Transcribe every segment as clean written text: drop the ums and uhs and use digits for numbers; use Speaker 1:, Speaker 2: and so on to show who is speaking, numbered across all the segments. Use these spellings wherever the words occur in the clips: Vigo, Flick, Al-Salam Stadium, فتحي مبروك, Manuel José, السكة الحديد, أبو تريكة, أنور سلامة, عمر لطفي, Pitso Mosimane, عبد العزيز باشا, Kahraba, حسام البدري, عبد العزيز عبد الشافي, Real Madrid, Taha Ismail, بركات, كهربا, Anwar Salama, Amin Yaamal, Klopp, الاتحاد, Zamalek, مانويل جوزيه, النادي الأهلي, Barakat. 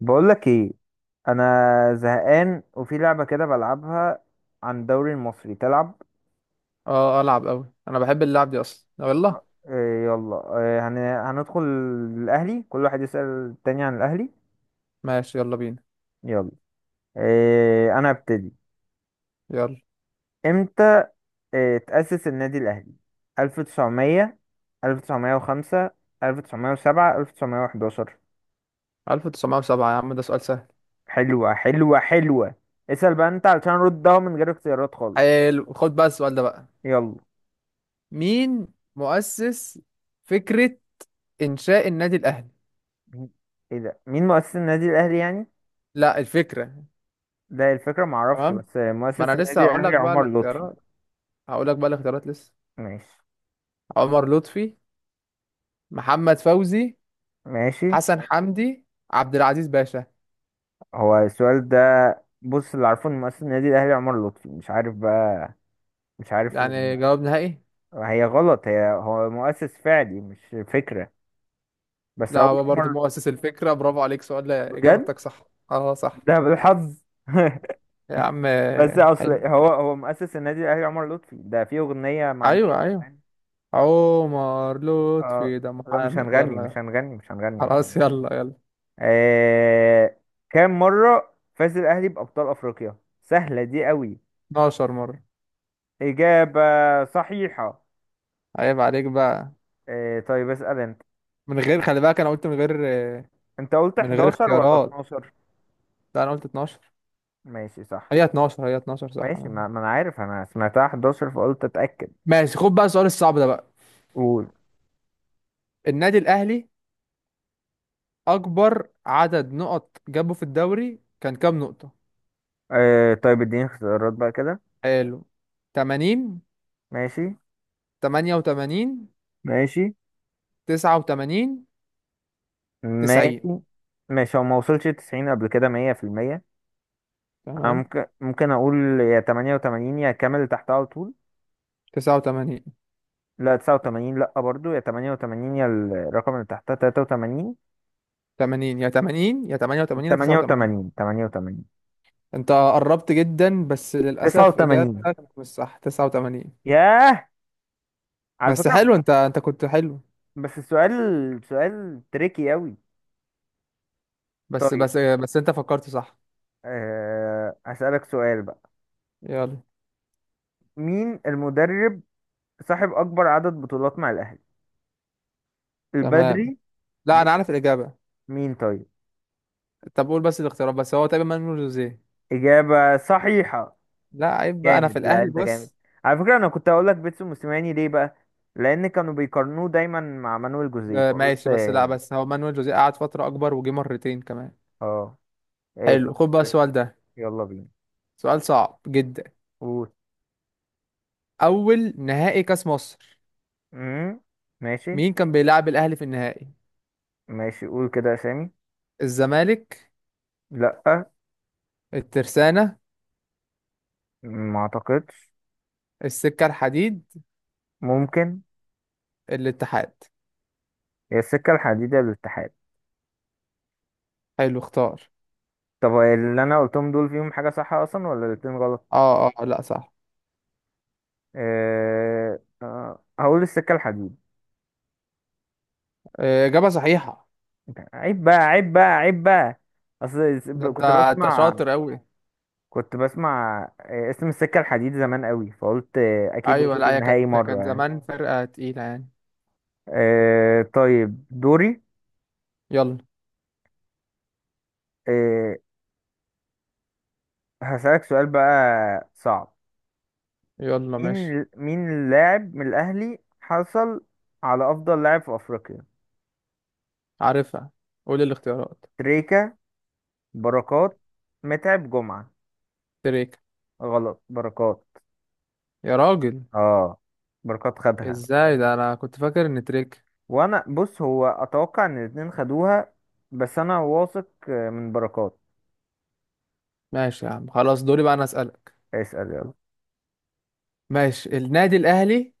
Speaker 1: بقولك ايه، انا زهقان وفي لعبة كده بلعبها عن الدوري المصري تلعب.
Speaker 2: اه العب قوي انا بحب اللعب دي اصلا يلا.
Speaker 1: إيه يلا، إيه هندخل الاهلي، كل واحد يسأل التاني عن الاهلي.
Speaker 2: ماشي يلا بينا.
Speaker 1: يلا، إيه انا ابتدي؟
Speaker 2: يلا،
Speaker 1: امتى إيه تأسس النادي الاهلي؟ 1900؟ 1905؟ 1907؟ 1911؟
Speaker 2: 1907، يا عم ده سؤال سهل.
Speaker 1: حلوة حلوة حلوة. اسأل بقى انت علشان ردها من غير اختيارات خالص.
Speaker 2: حلو، خد بقى السؤال ده بقى.
Speaker 1: يلا.
Speaker 2: مين مؤسس فكرة إنشاء النادي الأهلي؟
Speaker 1: مين- ايه ده؟ مين مؤسس النادي الاهلي يعني؟
Speaker 2: لا الفكرة.
Speaker 1: ده الفكرة معرفش،
Speaker 2: تمام،
Speaker 1: بس
Speaker 2: ما
Speaker 1: مؤسس
Speaker 2: انا لسه
Speaker 1: النادي
Speaker 2: هقول لك
Speaker 1: الأهلي
Speaker 2: بقى
Speaker 1: عمر لطفي.
Speaker 2: الاختيارات. هقول لك بقى الاختيارات لسه.
Speaker 1: ماشي.
Speaker 2: عمر لطفي، محمد فوزي،
Speaker 1: ماشي.
Speaker 2: حسن حمدي، عبد العزيز باشا.
Speaker 1: هو السؤال ده؟ بص، اللي عارفه إن مؤسس النادي الأهلي عمر لطفي، مش عارف بقى، مش عارف.
Speaker 2: يعني جواب نهائي؟
Speaker 1: هي غلط، هي هو مؤسس فعلي مش فكرة، بس
Speaker 2: لا
Speaker 1: أقول
Speaker 2: هو برضو
Speaker 1: عمر.
Speaker 2: مؤسس الفكرة، برافو عليك. سؤال؟ لا
Speaker 1: بجد؟
Speaker 2: إجابتك صح. اه صح.
Speaker 1: ده بالحظ.
Speaker 2: يا عم
Speaker 1: بس أصل
Speaker 2: حلو.
Speaker 1: هو مؤسس النادي الأهلي عمر لطفي، ده في أغنية معمولة
Speaker 2: ايوه ايوه،
Speaker 1: عن-
Speaker 2: عمر
Speaker 1: اه،
Speaker 2: لطفي ده
Speaker 1: لا مش
Speaker 2: محامي.
Speaker 1: هنغني مش
Speaker 2: يلا
Speaker 1: هنغني مش هنغني مش
Speaker 2: خلاص
Speaker 1: هنغني.
Speaker 2: يلا يلا.
Speaker 1: آه... كام مرة فاز الأهلي بأبطال أفريقيا؟ سهلة دي قوي.
Speaker 2: 12 مرة.
Speaker 1: إجابة صحيحة.
Speaker 2: عيب عليك بقى.
Speaker 1: طيب اسأل أنت.
Speaker 2: من غير، خلي بالك انا قلت من غير،
Speaker 1: أنت قلت
Speaker 2: من غير
Speaker 1: 11 ولا
Speaker 2: اختيارات.
Speaker 1: 12؟
Speaker 2: لا انا قلت 12.
Speaker 1: ماشي صح.
Speaker 2: هي 12 هي 12 صح
Speaker 1: ماشي.
Speaker 2: أنا.
Speaker 1: ما أنا عارف، أنا سمعتها 11 فقلت أتأكد.
Speaker 2: ماشي، خد بقى السؤال الصعب ده بقى.
Speaker 1: قول.
Speaker 2: النادي الاهلي اكبر عدد نقط جابه في الدوري كان كام نقطة؟
Speaker 1: طيب اديني اختيارات بقى كده.
Speaker 2: حلو. 80،
Speaker 1: ماشي.
Speaker 2: 88،
Speaker 1: ماشي.
Speaker 2: 89، 90.
Speaker 1: ماشي. ماشي. هو ما وصلش 90 قبل كده 100%. أنا
Speaker 2: تمام.
Speaker 1: ممكن أقول، يا 88 يا كامل اللي تحتها على طول.
Speaker 2: 89.
Speaker 1: لا 89، لا برضو، يا 88 يا الرقم اللي تحتها 83.
Speaker 2: 80، يا 80 يا 88 يا 89.
Speaker 1: 88. 88.
Speaker 2: انت قربت جدا، بس للأسف
Speaker 1: 89.
Speaker 2: إجابتك مش صح، 89.
Speaker 1: ياه. على
Speaker 2: بس
Speaker 1: فكرة،
Speaker 2: حلو، انت كنت حلو.
Speaker 1: بس السؤال سؤال تريكي قوي.
Speaker 2: بس
Speaker 1: طيب.
Speaker 2: بس بس انت فكرت صح.
Speaker 1: هسألك سؤال بقى،
Speaker 2: يلا.
Speaker 1: مين المدرب صاحب أكبر عدد بطولات مع الأهلي؟
Speaker 2: تمام.
Speaker 1: البدري.
Speaker 2: لا انا
Speaker 1: بت...
Speaker 2: عارف الإجابة.
Speaker 1: مين طيب؟
Speaker 2: طب قول بس الاختيارات، بس هو تقريبا مانويل جوزيه.
Speaker 1: إجابة صحيحة.
Speaker 2: لا عيب بقى، انا في
Speaker 1: جامد، لا
Speaker 2: الأهلي
Speaker 1: أنت جامد.
Speaker 2: بص.
Speaker 1: على فكرة، أنا كنت هقول لك بيتسو موسيماني، ليه بقى؟ لأن كانوا بيقارنوه دايما مع مانويل جوزيه، فقلت.
Speaker 2: ماشي، بس لا، بس هو مانويل جوزيه قعد فترة أكبر وجه مرتين كمان.
Speaker 1: اه، ايه
Speaker 2: حلو،
Speaker 1: طيب
Speaker 2: خد بقى
Speaker 1: ماشي.
Speaker 2: السؤال ده.
Speaker 1: يلا بينا.
Speaker 2: سؤال صعب جدا.
Speaker 1: قول.
Speaker 2: أول نهائي كأس مصر،
Speaker 1: امم ماشي.
Speaker 2: مين كان بيلعب الأهلي في النهائي؟
Speaker 1: ماشي. قول كده اسامي.
Speaker 2: الزمالك،
Speaker 1: لا،
Speaker 2: الترسانة،
Speaker 1: ما اعتقدش.
Speaker 2: السكة الحديد،
Speaker 1: ممكن.
Speaker 2: الاتحاد.
Speaker 1: هي السكة الحديدية للاتحاد.
Speaker 2: حلو، اختار.
Speaker 1: طب اللي انا قلتهم دول فيهم حاجة صح اصلا ولا الاتنين غلط؟
Speaker 2: اه اه، لا صح.
Speaker 1: هقول السكة الحديد.
Speaker 2: اجابه صحيحه.
Speaker 1: عيب بقى، عيب بقى، عيب بقى. اصل
Speaker 2: ده انت
Speaker 1: كنت
Speaker 2: انت
Speaker 1: بسمع
Speaker 2: شاطر قوي.
Speaker 1: كنت بسمع اسم السكة الحديد زمان قوي، فقلت اكيد
Speaker 2: ايوه،
Speaker 1: وصلت
Speaker 2: لا هي
Speaker 1: النهائي
Speaker 2: كانت
Speaker 1: مرة
Speaker 2: كانت
Speaker 1: يعني.
Speaker 2: زمان فرقه تقيله يعني.
Speaker 1: طيب دوري.
Speaker 2: يلا.
Speaker 1: آه، هسألك سؤال بقى، صعب.
Speaker 2: يلا ماشي.
Speaker 1: مين اللاعب من الأهلي حصل على أفضل لاعب في أفريقيا؟
Speaker 2: عارفها. قول الاختيارات.
Speaker 1: تريكا، بركات، متعب، جمعة.
Speaker 2: تريك.
Speaker 1: غلط. بركات.
Speaker 2: يا راجل.
Speaker 1: اه، بركات خدها.
Speaker 2: ازاي، ده انا كنت فاكر ان تريك.
Speaker 1: وأنا بص، هو أتوقع إن الاتنين خدوها بس أنا واثق من بركات.
Speaker 2: ماشي يا عم، خلاص دوري بقى انا اسالك.
Speaker 1: اسأل يلا.
Speaker 2: ماشي، النادي الاهلي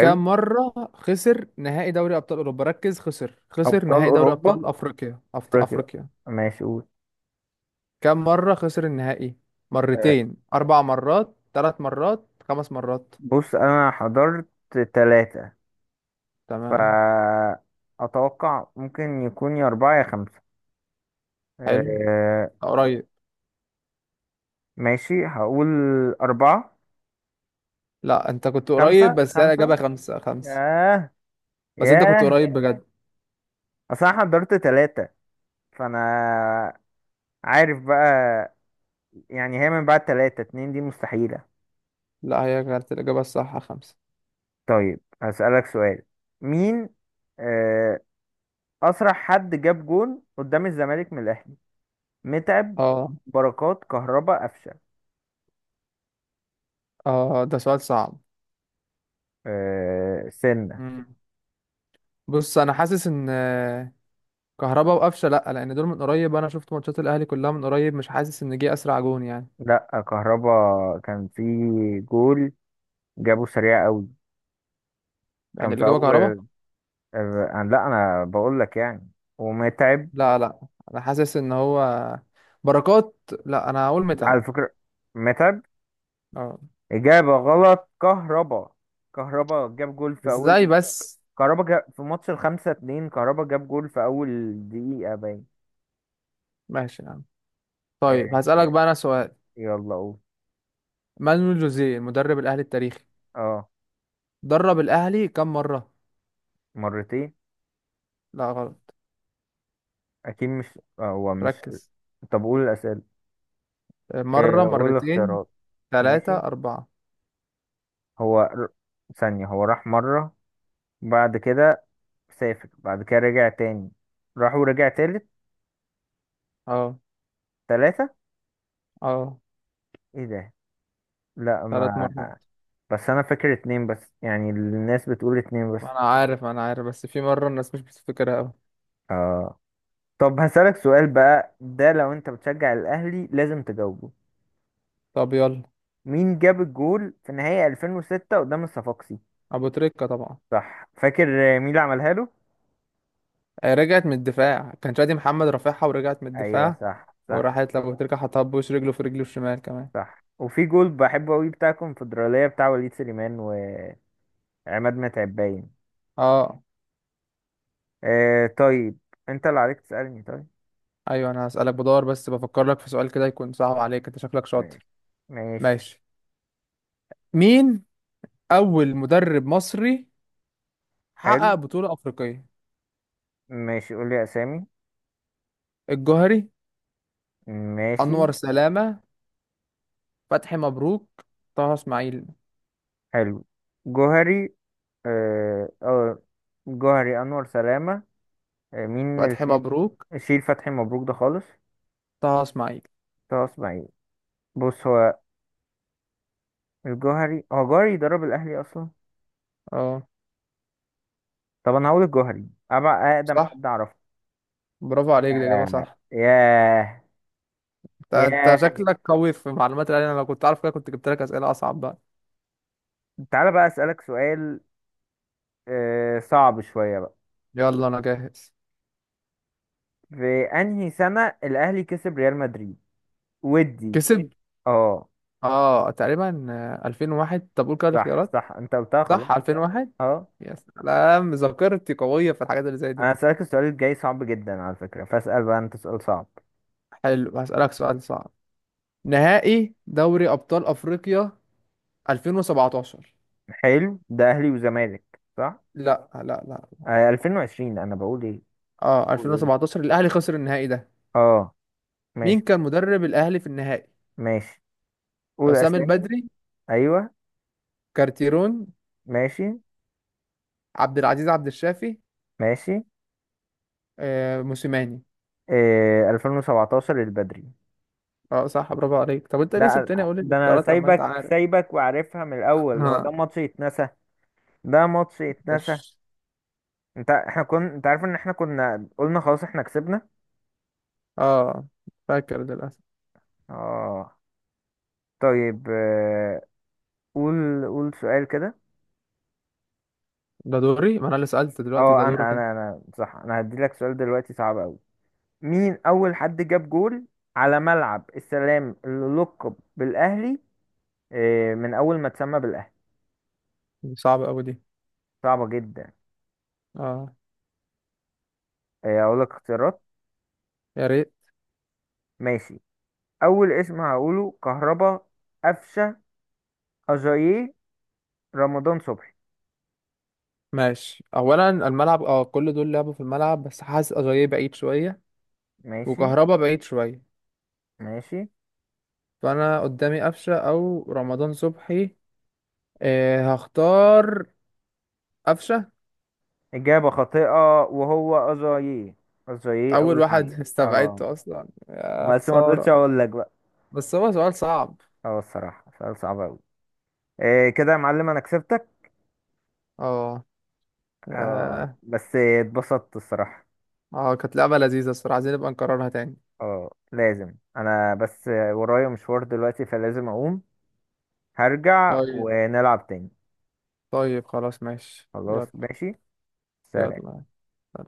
Speaker 2: كام مره خسر نهائي دوري ابطال اوروبا، ركز، خسر، خسر
Speaker 1: أبطال
Speaker 2: نهائي دوري
Speaker 1: أوروبا.
Speaker 2: ابطال افريقيا،
Speaker 1: أفريقيا.
Speaker 2: افريقيا.
Speaker 1: ماشي قول.
Speaker 2: كم مرة خسر النهائي؟
Speaker 1: آه،
Speaker 2: مرتين، أربع مرات، ثلاث مرات، خمس مرات.
Speaker 1: بص أنا حضرت تلاتة.
Speaker 2: تمام.
Speaker 1: فأتوقع ممكن يكون يا أربعة يا خمسة.
Speaker 2: حلو.
Speaker 1: آه
Speaker 2: قريب.
Speaker 1: ماشي، هقول أربعة.
Speaker 2: لا أنت كنت قريب،
Speaker 1: خمسة.
Speaker 2: بس هي
Speaker 1: خمسة.
Speaker 2: الإجابة خمسة. خمسة.
Speaker 1: ياه.
Speaker 2: بس أنت كنت
Speaker 1: ياه.
Speaker 2: قريب بجد.
Speaker 1: أصل أنا حضرت تلاتة فأنا عارف بقى يعني، هي من بعد تلاتة اتنين دي مستحيلة.
Speaker 2: لا هي كانت الإجابة الصح خمسة.
Speaker 1: طيب هسألك سؤال. مين آه أسرع حد جاب جون قدام الزمالك من الأهلي؟ متعب،
Speaker 2: اه
Speaker 1: بركات، كهربا، قفشة.
Speaker 2: اه ده سؤال صعب.
Speaker 1: آه سنة.
Speaker 2: مم. بص أنا حاسس إن، كهربا وقفشة لا، لأن دول من قريب أنا شفت ماتشات الأهلي كلها من قريب، مش حاسس إن جه أسرع جون يعني.
Speaker 1: لأ، كهربا كان في جول جابه سريع قوي. كان
Speaker 2: يعني
Speaker 1: في
Speaker 2: الإجابة كهربا.
Speaker 1: أول. لا انا بقول لك يعني. ومتعب.
Speaker 2: لا لا، أنا حاسس إن هو بركات. لا أنا هقول متعب.
Speaker 1: على فكرة، متعب
Speaker 2: اه.
Speaker 1: إجابة غلط. كهربا جاب جول في
Speaker 2: ازاي
Speaker 1: أول.
Speaker 2: بس.
Speaker 1: كهربا جاب في ماتش الخمسة اتنين. كهربا جاب جول في أول دقيقة باين.
Speaker 2: ماشي يا عم. طيب
Speaker 1: آه،
Speaker 2: هسألك
Speaker 1: آه،
Speaker 2: بقى انا سؤال.
Speaker 1: يلا قول.
Speaker 2: مانويل جوزيه المدرب الاهلي التاريخي
Speaker 1: اه
Speaker 2: درب الاهلي كم مرة؟
Speaker 1: مرتين.
Speaker 2: لا غلط.
Speaker 1: أكيد مش. هو مش.
Speaker 2: ركز.
Speaker 1: طب قول الأسئلة.
Speaker 2: مرة،
Speaker 1: قول
Speaker 2: مرتين،
Speaker 1: الاختيارات.
Speaker 2: ثلاثة،
Speaker 1: ماشي.
Speaker 2: أربعة.
Speaker 1: هو ر- ثانية، هو راح مرة، بعد كده سافر، بعد كده رجع تاني، راح ورجع تالت.
Speaker 2: اه.
Speaker 1: تلاتة.
Speaker 2: اه
Speaker 1: ايه ده؟ لا
Speaker 2: ثلاث
Speaker 1: ما.
Speaker 2: مرات.
Speaker 1: بس انا فاكر اتنين بس يعني، الناس بتقول اتنين
Speaker 2: ما
Speaker 1: بس.
Speaker 2: انا عارف ما انا عارف، بس في مرة الناس مش بتفتكرها اوي.
Speaker 1: اه. طب هسألك سؤال بقى، ده لو انت بتشجع الاهلي لازم تجاوبه.
Speaker 2: طب يلا.
Speaker 1: مين جاب الجول في نهائي 2006 قدام الصفاقسي؟
Speaker 2: ابو تريكة طبعا.
Speaker 1: صح فاكر. مين اللي عملها له؟
Speaker 2: رجعت من الدفاع، كان شادي محمد رافعها ورجعت من
Speaker 1: ايوه
Speaker 2: الدفاع
Speaker 1: صح، صح.
Speaker 2: وراحت لابو تريكة، حطها بوش رجله في رجله الشمال كمان.
Speaker 1: صح. وفي جول بحبه قوي بتاع الكونفدرالية بتاع وليد سليمان وعماد متعب باين.
Speaker 2: اه.
Speaker 1: طيب، انت اللي عليك تسألني. طيب
Speaker 2: ايوه، انا هسألك، بدور بس بفكر لك في سؤال كده يكون صعب عليك، انت شكلك شاطر.
Speaker 1: ماشي. ماشي.
Speaker 2: ماشي. مين اول مدرب مصري
Speaker 1: حلو.
Speaker 2: حقق بطولة افريقية؟
Speaker 1: ماشي قول لي اسامي.
Speaker 2: الجوهري،
Speaker 1: ماشي.
Speaker 2: انور سلامة، فتحي مبروك، طه اسماعيل.
Speaker 1: حلو. جوهري. آه آه، جوهري، أنور سلامة. مين
Speaker 2: فتحي
Speaker 1: الاتنين؟
Speaker 2: مبروك،
Speaker 1: شيل فتحي مبروك ده خالص.
Speaker 2: طه اسماعيل.
Speaker 1: طه اسماعيل. بص هو الجوهري، هو جوهري يدرب الأهلي أصلا.
Speaker 2: اه
Speaker 1: طب أنا هقول الجوهري، أبع أقدم
Speaker 2: صح،
Speaker 1: حد أعرفه.
Speaker 2: برافو عليك دي اجابة
Speaker 1: آه،
Speaker 2: صح.
Speaker 1: ياه.
Speaker 2: انت انت
Speaker 1: ياه.
Speaker 2: شكلك قوي في معلومات العلم، انا لو كنت عارف كده كنت جبت لك اسئلة اصعب بقى.
Speaker 1: تعالى بقى أسألك سؤال صعب شوية بقى.
Speaker 2: يلا انا جاهز.
Speaker 1: في أنهي سنة الأهلي كسب ريال مدريد؟ ودي.
Speaker 2: كسب؟
Speaker 1: اه
Speaker 2: اه تقريبا، 2001. طب قول كده
Speaker 1: صح،
Speaker 2: الاختيارات.
Speaker 1: صح أنت قلتها خلاص.
Speaker 2: صح، 2001.
Speaker 1: اه،
Speaker 2: يا سلام، ذاكرتي قوية في الحاجات اللي زي دي.
Speaker 1: انا هسألك السؤال الجاي صعب جدا على فكرة، فاسأل بقى انت سؤال صعب.
Speaker 2: حلو، هسألك سؤال صعب. نهائي دوري أبطال أفريقيا 2017.
Speaker 1: حلو. ده اهلي وزمالك صح؟
Speaker 2: لا لا لا.
Speaker 1: 2020 انا بقول ايه؟
Speaker 2: اه
Speaker 1: قول. قول.
Speaker 2: 2017 الأهلي خسر النهائي ده.
Speaker 1: اه
Speaker 2: مين
Speaker 1: ماشي.
Speaker 2: كان مدرب الأهلي في النهائي؟
Speaker 1: ماشي قول
Speaker 2: حسام
Speaker 1: اسامي.
Speaker 2: البدري،
Speaker 1: ايوه.
Speaker 2: كارتيرون،
Speaker 1: ماشي.
Speaker 2: عبد العزيز عبد الشافي،
Speaker 1: ماشي.
Speaker 2: آه موسيماني.
Speaker 1: 2017 البدري.
Speaker 2: اه صح برافو عليك. طب انت ليه
Speaker 1: ده
Speaker 2: سبتني اقول
Speaker 1: ده انا
Speaker 2: الاختيارات لما انت
Speaker 1: سايبك
Speaker 2: عارف؟
Speaker 1: سايبك وعارفها من الاول، هو ده
Speaker 2: اه.
Speaker 1: ماتش يتنسى. ده ماتش يتنسى.
Speaker 2: ماشي.
Speaker 1: انت، احنا كنا، انت عارف ان احنا كنا قلنا خلاص احنا كسبنا.
Speaker 2: اه فاكر للأسف.
Speaker 1: اه. طيب. قول. قول سؤال كده.
Speaker 2: ده دوري، ما انا اللي سألت دلوقتي،
Speaker 1: اه.
Speaker 2: ده
Speaker 1: انا
Speaker 2: دورك.
Speaker 1: انا انا صح، انا هدي لك سؤال دلوقتي صعب قوي. مين اول حد جاب جول على ملعب السلام اللي لقب بالاهلي، من اول ما اتسمى بالاهلي؟
Speaker 2: انت صعب قوي دي.
Speaker 1: صعبة جدا.
Speaker 2: اه.
Speaker 1: اقول لك اختيارات.
Speaker 2: يا ريت.
Speaker 1: ماشي. اول اسم هقوله كهربا، قفشة، اجاييه، رمضان صبحي.
Speaker 2: ماشي، اولا الملعب، اه كل دول لعبوا في الملعب، بس حاسس اجاييه بعيد شويه
Speaker 1: ماشي.
Speaker 2: وكهربا بعيد شويه،
Speaker 1: ماشي.
Speaker 2: فانا قدامي قفشه او رمضان صبحي. إيه، هختار قفشه.
Speaker 1: اجابة خاطئة وهو اجاييه. اجاييه
Speaker 2: اول
Speaker 1: اول حد.
Speaker 2: واحد
Speaker 1: اه،
Speaker 2: استبعدته اصلا يا
Speaker 1: بس ما رضيتش
Speaker 2: خساره.
Speaker 1: اقول لك بقى.
Speaker 2: بس هو سؤال صعب.
Speaker 1: اه، الصراحة سؤال صعب قوي. كده يا معلم انا كسبتك.
Speaker 2: اه
Speaker 1: اه
Speaker 2: اه.
Speaker 1: بس اتبسطت الصراحة.
Speaker 2: كانت لعبه لذيذه الصراحه، عايزين نبقى نكررها تاني.
Speaker 1: اه لازم، انا بس ورايا مشوار دلوقتي فلازم اقوم. هرجع
Speaker 2: طيب.
Speaker 1: ونلعب تاني.
Speaker 2: طيب خلاص ماشي، يلا.
Speaker 1: خلاص ماشي. سلام.
Speaker 2: يلا.